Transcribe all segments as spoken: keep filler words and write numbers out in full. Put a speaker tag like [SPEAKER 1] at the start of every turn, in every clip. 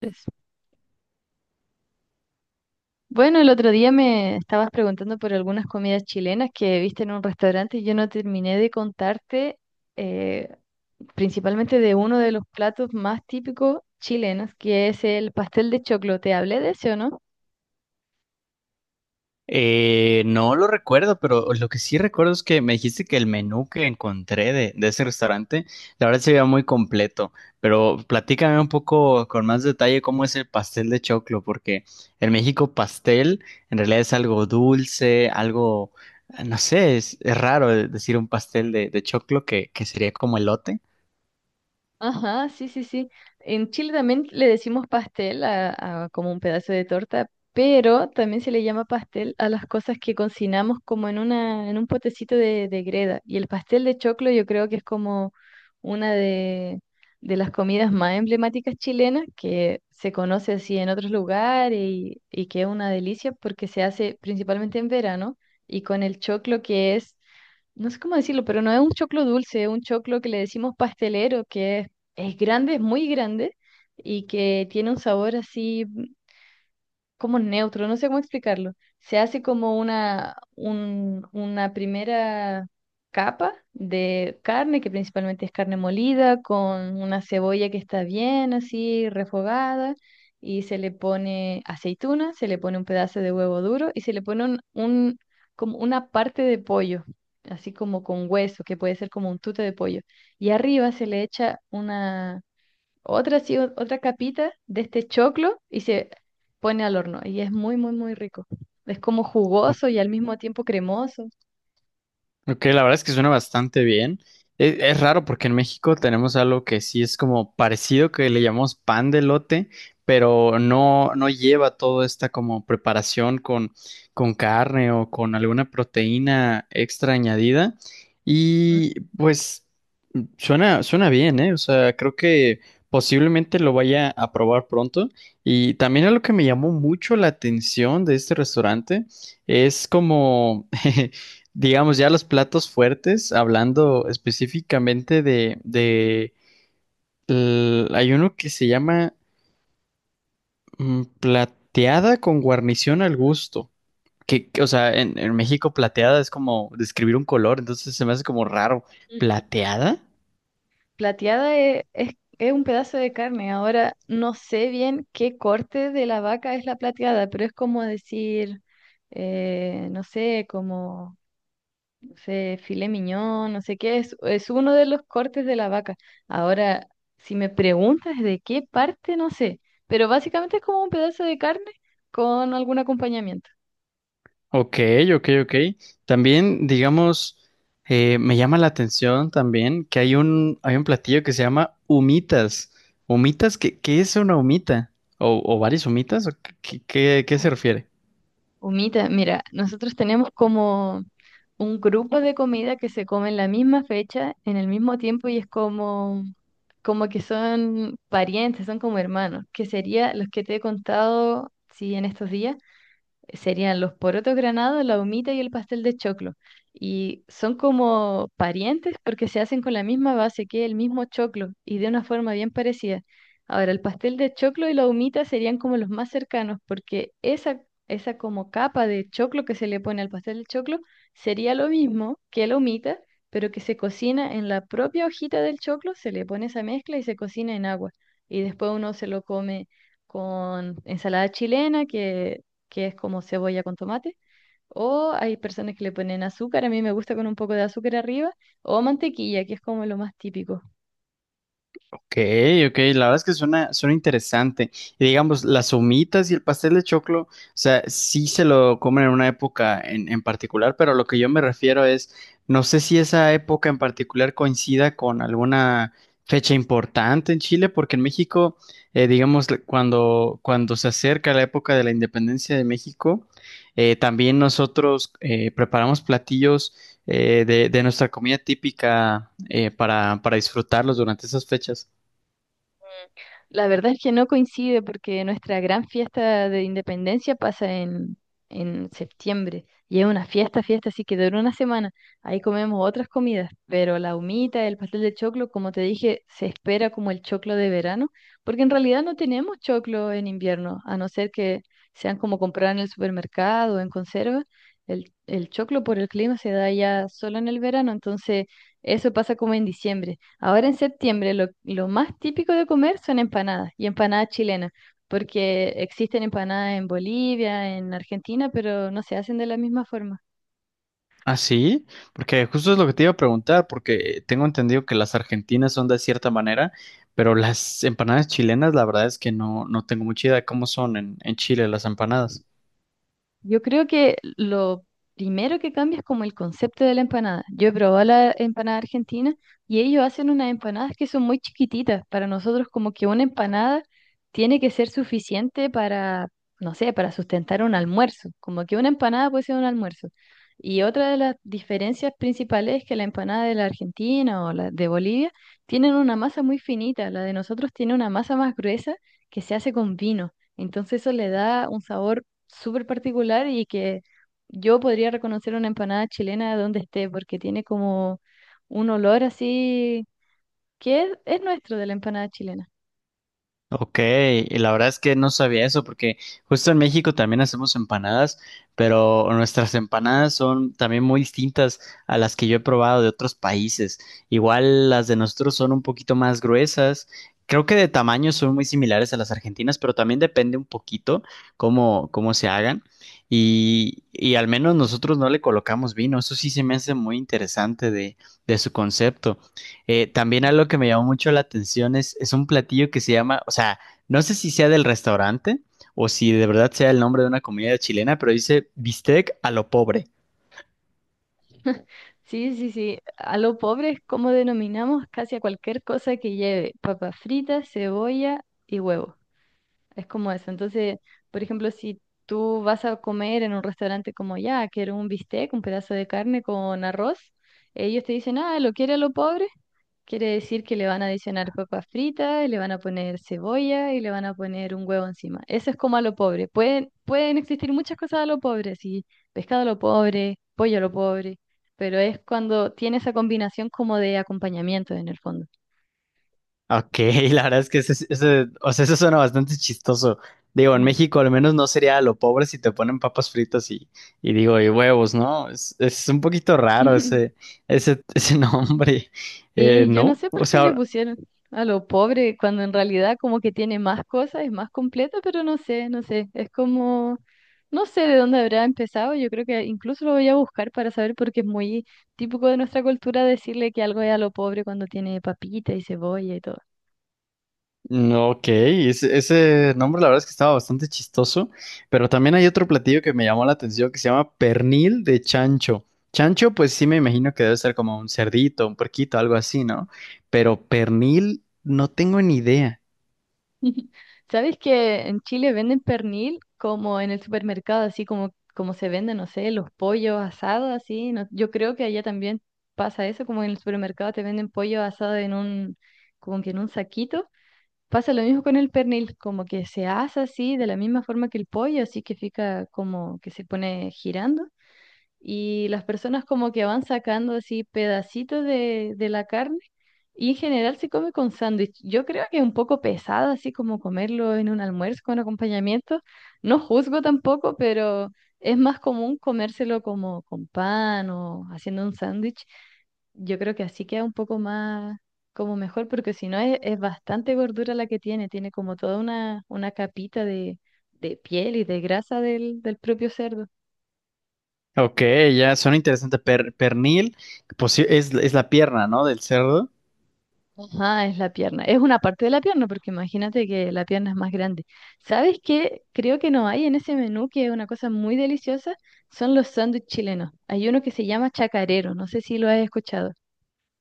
[SPEAKER 1] Pues, bueno, el otro día me estabas preguntando por algunas comidas chilenas que viste en un restaurante y yo no terminé de contarte, eh, principalmente de uno de los platos más típicos chilenos, que es el pastel de choclo. ¿Te hablé de ese o no?
[SPEAKER 2] Eh, no lo recuerdo, pero lo que sí recuerdo es que me dijiste que el menú que encontré de, de ese restaurante, la verdad se veía muy completo, pero platícame un poco con más detalle cómo es el pastel de choclo, porque en México pastel en realidad es algo dulce, algo, no sé, es, es raro decir un pastel de, de choclo que, que sería como elote.
[SPEAKER 1] Ajá, sí, sí, sí. En Chile también le decimos pastel a, a como un pedazo de torta, pero también se le llama pastel a las cosas que cocinamos como en una, en un potecito de, de greda. Y el pastel de choclo yo creo que es como una de, de las comidas más emblemáticas chilenas que se conoce así en otros lugares y, y que es una delicia porque se hace principalmente en verano y con el choclo que es, no sé cómo decirlo, pero no es un choclo dulce, es un choclo que le decimos pastelero, que es es grande, es muy grande y que tiene un sabor así como neutro, no sé cómo explicarlo. Se hace como una, un- una primera capa de carne, que principalmente es carne molida, con una cebolla que está bien así refogada. Y se le pone aceituna, se le pone un pedazo de huevo duro y se le pone un, un- como una parte de pollo, así como con hueso, que puede ser como un tute de pollo. Y arriba se le echa una, otra, así, o- otra capita de este choclo y se pone al horno. Y es muy, muy, muy rico. Es como jugoso y al mismo tiempo cremoso.
[SPEAKER 2] Ok, la verdad es que suena bastante bien. Es, es raro porque en México tenemos algo que sí es como parecido, que le llamamos pan de elote, pero no, no lleva toda esta como preparación con, con carne o con alguna proteína extra añadida.
[SPEAKER 1] Ujú.
[SPEAKER 2] Y pues suena, suena bien, ¿eh? O sea, creo que posiblemente lo vaya a probar pronto. Y también algo que me llamó mucho la atención de este restaurante es como... digamos, ya los platos fuertes, hablando específicamente de, de l- hay uno que se llama mm, plateada con guarnición al gusto. Que, que, o sea, en, en México plateada es como describir un color, entonces se me hace como raro.
[SPEAKER 1] Mm.
[SPEAKER 2] ¿Plateada?
[SPEAKER 1] Plateada e- es, es un pedazo de carne. Ahora no sé bien qué corte de la vaca es la plateada, pero es como decir, eh, no sé, como no sé, filé miñón, no sé qué, es, es uno de los cortes de la vaca. Ahora, si me preguntas de qué parte, no sé, pero básicamente es como un pedazo de carne con algún acompañamiento.
[SPEAKER 2] Ok, ok, ok. También, digamos, eh, me llama la atención también que hay un, hay un platillo que se llama humitas. ¿Humitas? ¿Qué, qué es una humita? ¿O, o varias humitas? ¿O qué, qué- qué
[SPEAKER 1] Ah,
[SPEAKER 2] se refiere?
[SPEAKER 1] humita, mira, nosotros tenemos como un grupo de comida que se come en la misma fecha, en el mismo tiempo, y es como, como que son parientes, son como hermanos, que sería los que te he contado, sí, en estos días serían los porotos granados, la humita y el pastel de choclo. Y son como parientes porque se hacen con la misma base que el mismo choclo y de una forma bien parecida. Ahora, el pastel de choclo y la humita serían como los más cercanos porque esa, esa como capa de choclo que se le pone al pastel de choclo sería lo mismo que la humita, pero que se cocina en la propia hojita del choclo, se le pone esa mezcla y se cocina en agua. Y después uno se lo come con ensalada chilena, que que es como cebolla con tomate, o hay personas que le ponen azúcar, a mí me gusta con un poco de azúcar arriba, o mantequilla, que es como lo más típico.
[SPEAKER 2] Ok, ok, la verdad es que suena, suena interesante. Y digamos, las humitas y el pastel de choclo, o sea, sí se lo comen en una época en, en particular, pero lo que yo me refiero es, no sé si esa época en particular coincida con alguna fecha importante en Chile, porque en México, eh, digamos, le- cuando, cuando se acerca la época de la independencia de México, eh, también nosotros eh, preparamos platillos eh, de, de nuestra comida típica eh, para, para disfrutarlos durante esas fechas.
[SPEAKER 1] La verdad es que no coincide porque nuestra gran fiesta de independencia pasa en, en septiembre y es una fiesta, fiesta, así que dura una semana. Ahí comemos otras comidas, pero la humita, el pastel de choclo, como te dije, se espera como el choclo de verano, porque en realidad no tenemos choclo en invierno, a no ser que sean como comprar en el supermercado o en conserva. El, el choclo por el clima se da ya solo en el verano, entonces eso pasa como en diciembre. Ahora en septiembre lo, lo más típico de comer son empanadas y empanadas chilenas, porque existen empanadas en Bolivia, en Argentina, pero no se hacen de la misma forma.
[SPEAKER 2] Ah, sí, porque justo es lo que te iba a preguntar, porque tengo entendido que las argentinas son de cierta manera, pero las empanadas chilenas, la verdad es que no, no tengo mucha idea de cómo son en, en Chile las empanadas.
[SPEAKER 1] Yo creo que lo primero que cambia es como el concepto de la empanada. Yo he probado la empanada argentina y ellos hacen unas empanadas que son muy chiquititas. Para nosotros como que una empanada tiene que ser suficiente para, no sé, para sustentar un almuerzo. Como que una empanada puede ser un almuerzo. Y otra de las diferencias principales es que la empanada de la Argentina o la de Bolivia tienen una masa muy finita. La de nosotros tiene una masa más gruesa que se hace con vino. Entonces eso le da un sabor súper particular y que yo podría reconocer una empanada chilena de donde esté, porque tiene como un olor así que es, es nuestro de la empanada chilena.
[SPEAKER 2] Ok, y la verdad es que no sabía eso porque justo en México también hacemos empanadas, pero nuestras empanadas son también muy distintas a las que yo he probado de otros países. Igual las de nosotros son un poquito más gruesas. Creo que de tamaño son muy similares a las argentinas, pero también depende un poquito cómo, cómo se hagan. Y, y al menos nosotros no le colocamos vino. Eso sí se me hace muy interesante de, de su concepto. Eh, también
[SPEAKER 1] Ujú.
[SPEAKER 2] algo que me llamó mucho la atención es, es un platillo que se llama, o sea, no sé si sea del restaurante o si de verdad sea el nombre de una comida chilena, pero dice bistec a lo pobre.
[SPEAKER 1] Sí, sí, sí. A lo pobre es como denominamos casi a cualquier cosa que lleve papas fritas, cebolla y huevo. Es como eso. Entonces, por ejemplo, si tú vas a comer en un restaurante como ya, quiero un bistec, un pedazo de carne con arroz, ellos te dicen, ah, ¿lo quiere a lo pobre? Quiere decir que le van a adicionar papas fritas, le van a poner cebolla y le van a poner un huevo encima. Eso es como a lo pobre. Pueden, pueden existir muchas cosas a lo pobre, sí, pescado a lo pobre, pollo a lo pobre, pero es cuando tiene esa combinación como de acompañamiento en el fondo.
[SPEAKER 2] Ok, la verdad es que ese, ese- o sea, eso suena bastante chistoso. Digo, en
[SPEAKER 1] Ujú.
[SPEAKER 2] México al menos no sería a lo pobre si te ponen papas fritas y, y digo, y huevos, ¿no? Es, es un poquito raro ese, ese, ese nombre. Eh,
[SPEAKER 1] Sí, yo no
[SPEAKER 2] ¿no?
[SPEAKER 1] sé
[SPEAKER 2] O
[SPEAKER 1] por qué le
[SPEAKER 2] sea,
[SPEAKER 1] pusieron a lo pobre cuando en realidad como que tiene más cosas, es más completa, pero no sé, no sé, es como, no sé de dónde habrá empezado, yo creo que incluso lo voy a buscar para saber porque es muy típico de nuestra cultura decirle que algo es a lo pobre cuando tiene papita y cebolla y todo.
[SPEAKER 2] no. Ok, ese, ese nombre la verdad es que estaba bastante chistoso, pero también hay otro platillo que me llamó la atención que se llama pernil de chancho. Chancho, pues sí me imagino que debe ser como un cerdito, un puerquito, algo así, ¿no? Pero pernil, no tengo ni idea.
[SPEAKER 1] ¿Sabes que en Chile venden pernil como en el supermercado, así como, como se venden, no sé, los pollos asados, así? No, yo creo que allá también pasa eso, como en el supermercado te venden pollo asado en un, como que en un saquito. Pasa lo mismo con el pernil, como que se asa así, de la misma forma que el pollo, así que fica como que se pone girando y las personas como que van sacando así pedacitos de, de la carne y en general se come con sándwich. Yo creo que es un poco pesado así como comerlo en un almuerzo con acompañamiento. No juzgo tampoco, pero es más común comérselo como con pan o haciendo un sándwich. Yo creo que así queda un poco más como mejor, porque si no es, es bastante gordura la que tiene, tiene como toda una, una capita de, de piel y de grasa del, del propio cerdo.
[SPEAKER 2] Ok, ya suena interesante. Per- pernil, pues sí, es, es la pierna, ¿no? Del cerdo.
[SPEAKER 1] Ajá, es la pierna. Es una parte de la pierna, porque imagínate que la pierna es más grande. ¿Sabes qué? Creo que no hay en ese menú, que es una cosa muy deliciosa, son los sándwiches chilenos. Hay uno que se llama chacarero, no sé si lo has escuchado.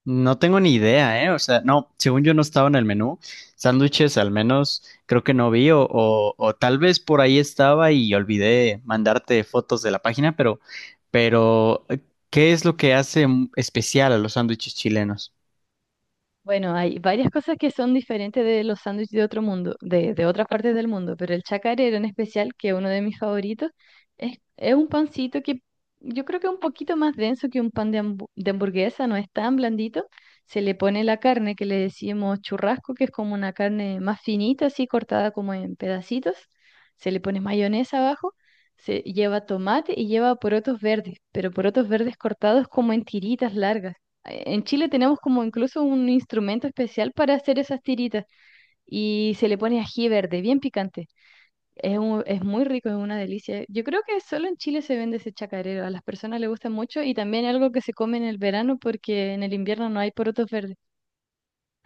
[SPEAKER 2] No tengo ni idea, ¿eh? O sea, no, según yo no estaba en el menú. Sándwiches al menos creo que no vi o, o, o tal vez por ahí estaba y olvidé mandarte fotos de la página, pero, pero, ¿qué es lo que hace mm, especial a los sándwiches chilenos?
[SPEAKER 1] Bueno, hay varias cosas que son diferentes de los sándwiches de otro mundo, de, de otras partes del mundo, pero el chacarero en especial, que es uno de mis favoritos, es, es un pancito que yo creo que es un poquito más denso que un pan de, hambu- de hamburguesa, no es tan blandito. Se le pone la carne que le decimos churrasco, que es como una carne más finita, así cortada como en pedacitos. Se le pone mayonesa abajo, se lleva tomate y lleva porotos verdes, pero porotos verdes cortados como en tiritas largas. En Chile tenemos como incluso un instrumento especial para hacer esas tiritas y se le pone ají verde, bien picante. Es, un- es muy rico, es una delicia. Yo creo que solo en Chile se vende ese chacarero, a las personas les gusta mucho y también es algo que se come en el verano porque en el invierno no hay porotos verdes.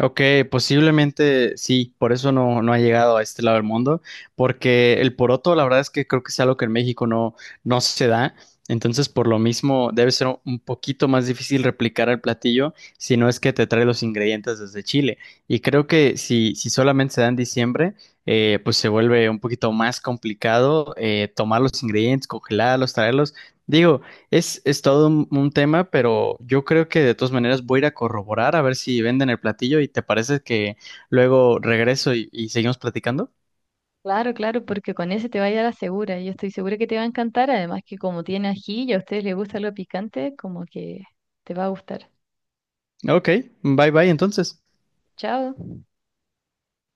[SPEAKER 2] Ok, posiblemente sí, por eso no, no ha llegado a este lado del mundo, porque el poroto, la verdad es que creo que es algo que en México no, no se da, entonces por lo mismo debe ser un poquito más difícil replicar el platillo si no es que te trae los ingredientes desde Chile. Y creo que si, si solamente se da en diciembre, eh, pues se vuelve un poquito más complicado eh, tomar los ingredientes, congelarlos, traerlos. Digo, es, es todo un, un tema, pero yo creo que de todas maneras voy a ir a corroborar a ver si venden el platillo y te parece que luego regreso y, y seguimos platicando.
[SPEAKER 1] Claro, claro, porque con ese te vaya a la segura. Yo estoy segura que te va a encantar, además que como tiene ají y a ustedes les gusta lo picante, como que te va a gustar.
[SPEAKER 2] Ok, bye bye entonces.
[SPEAKER 1] Chao.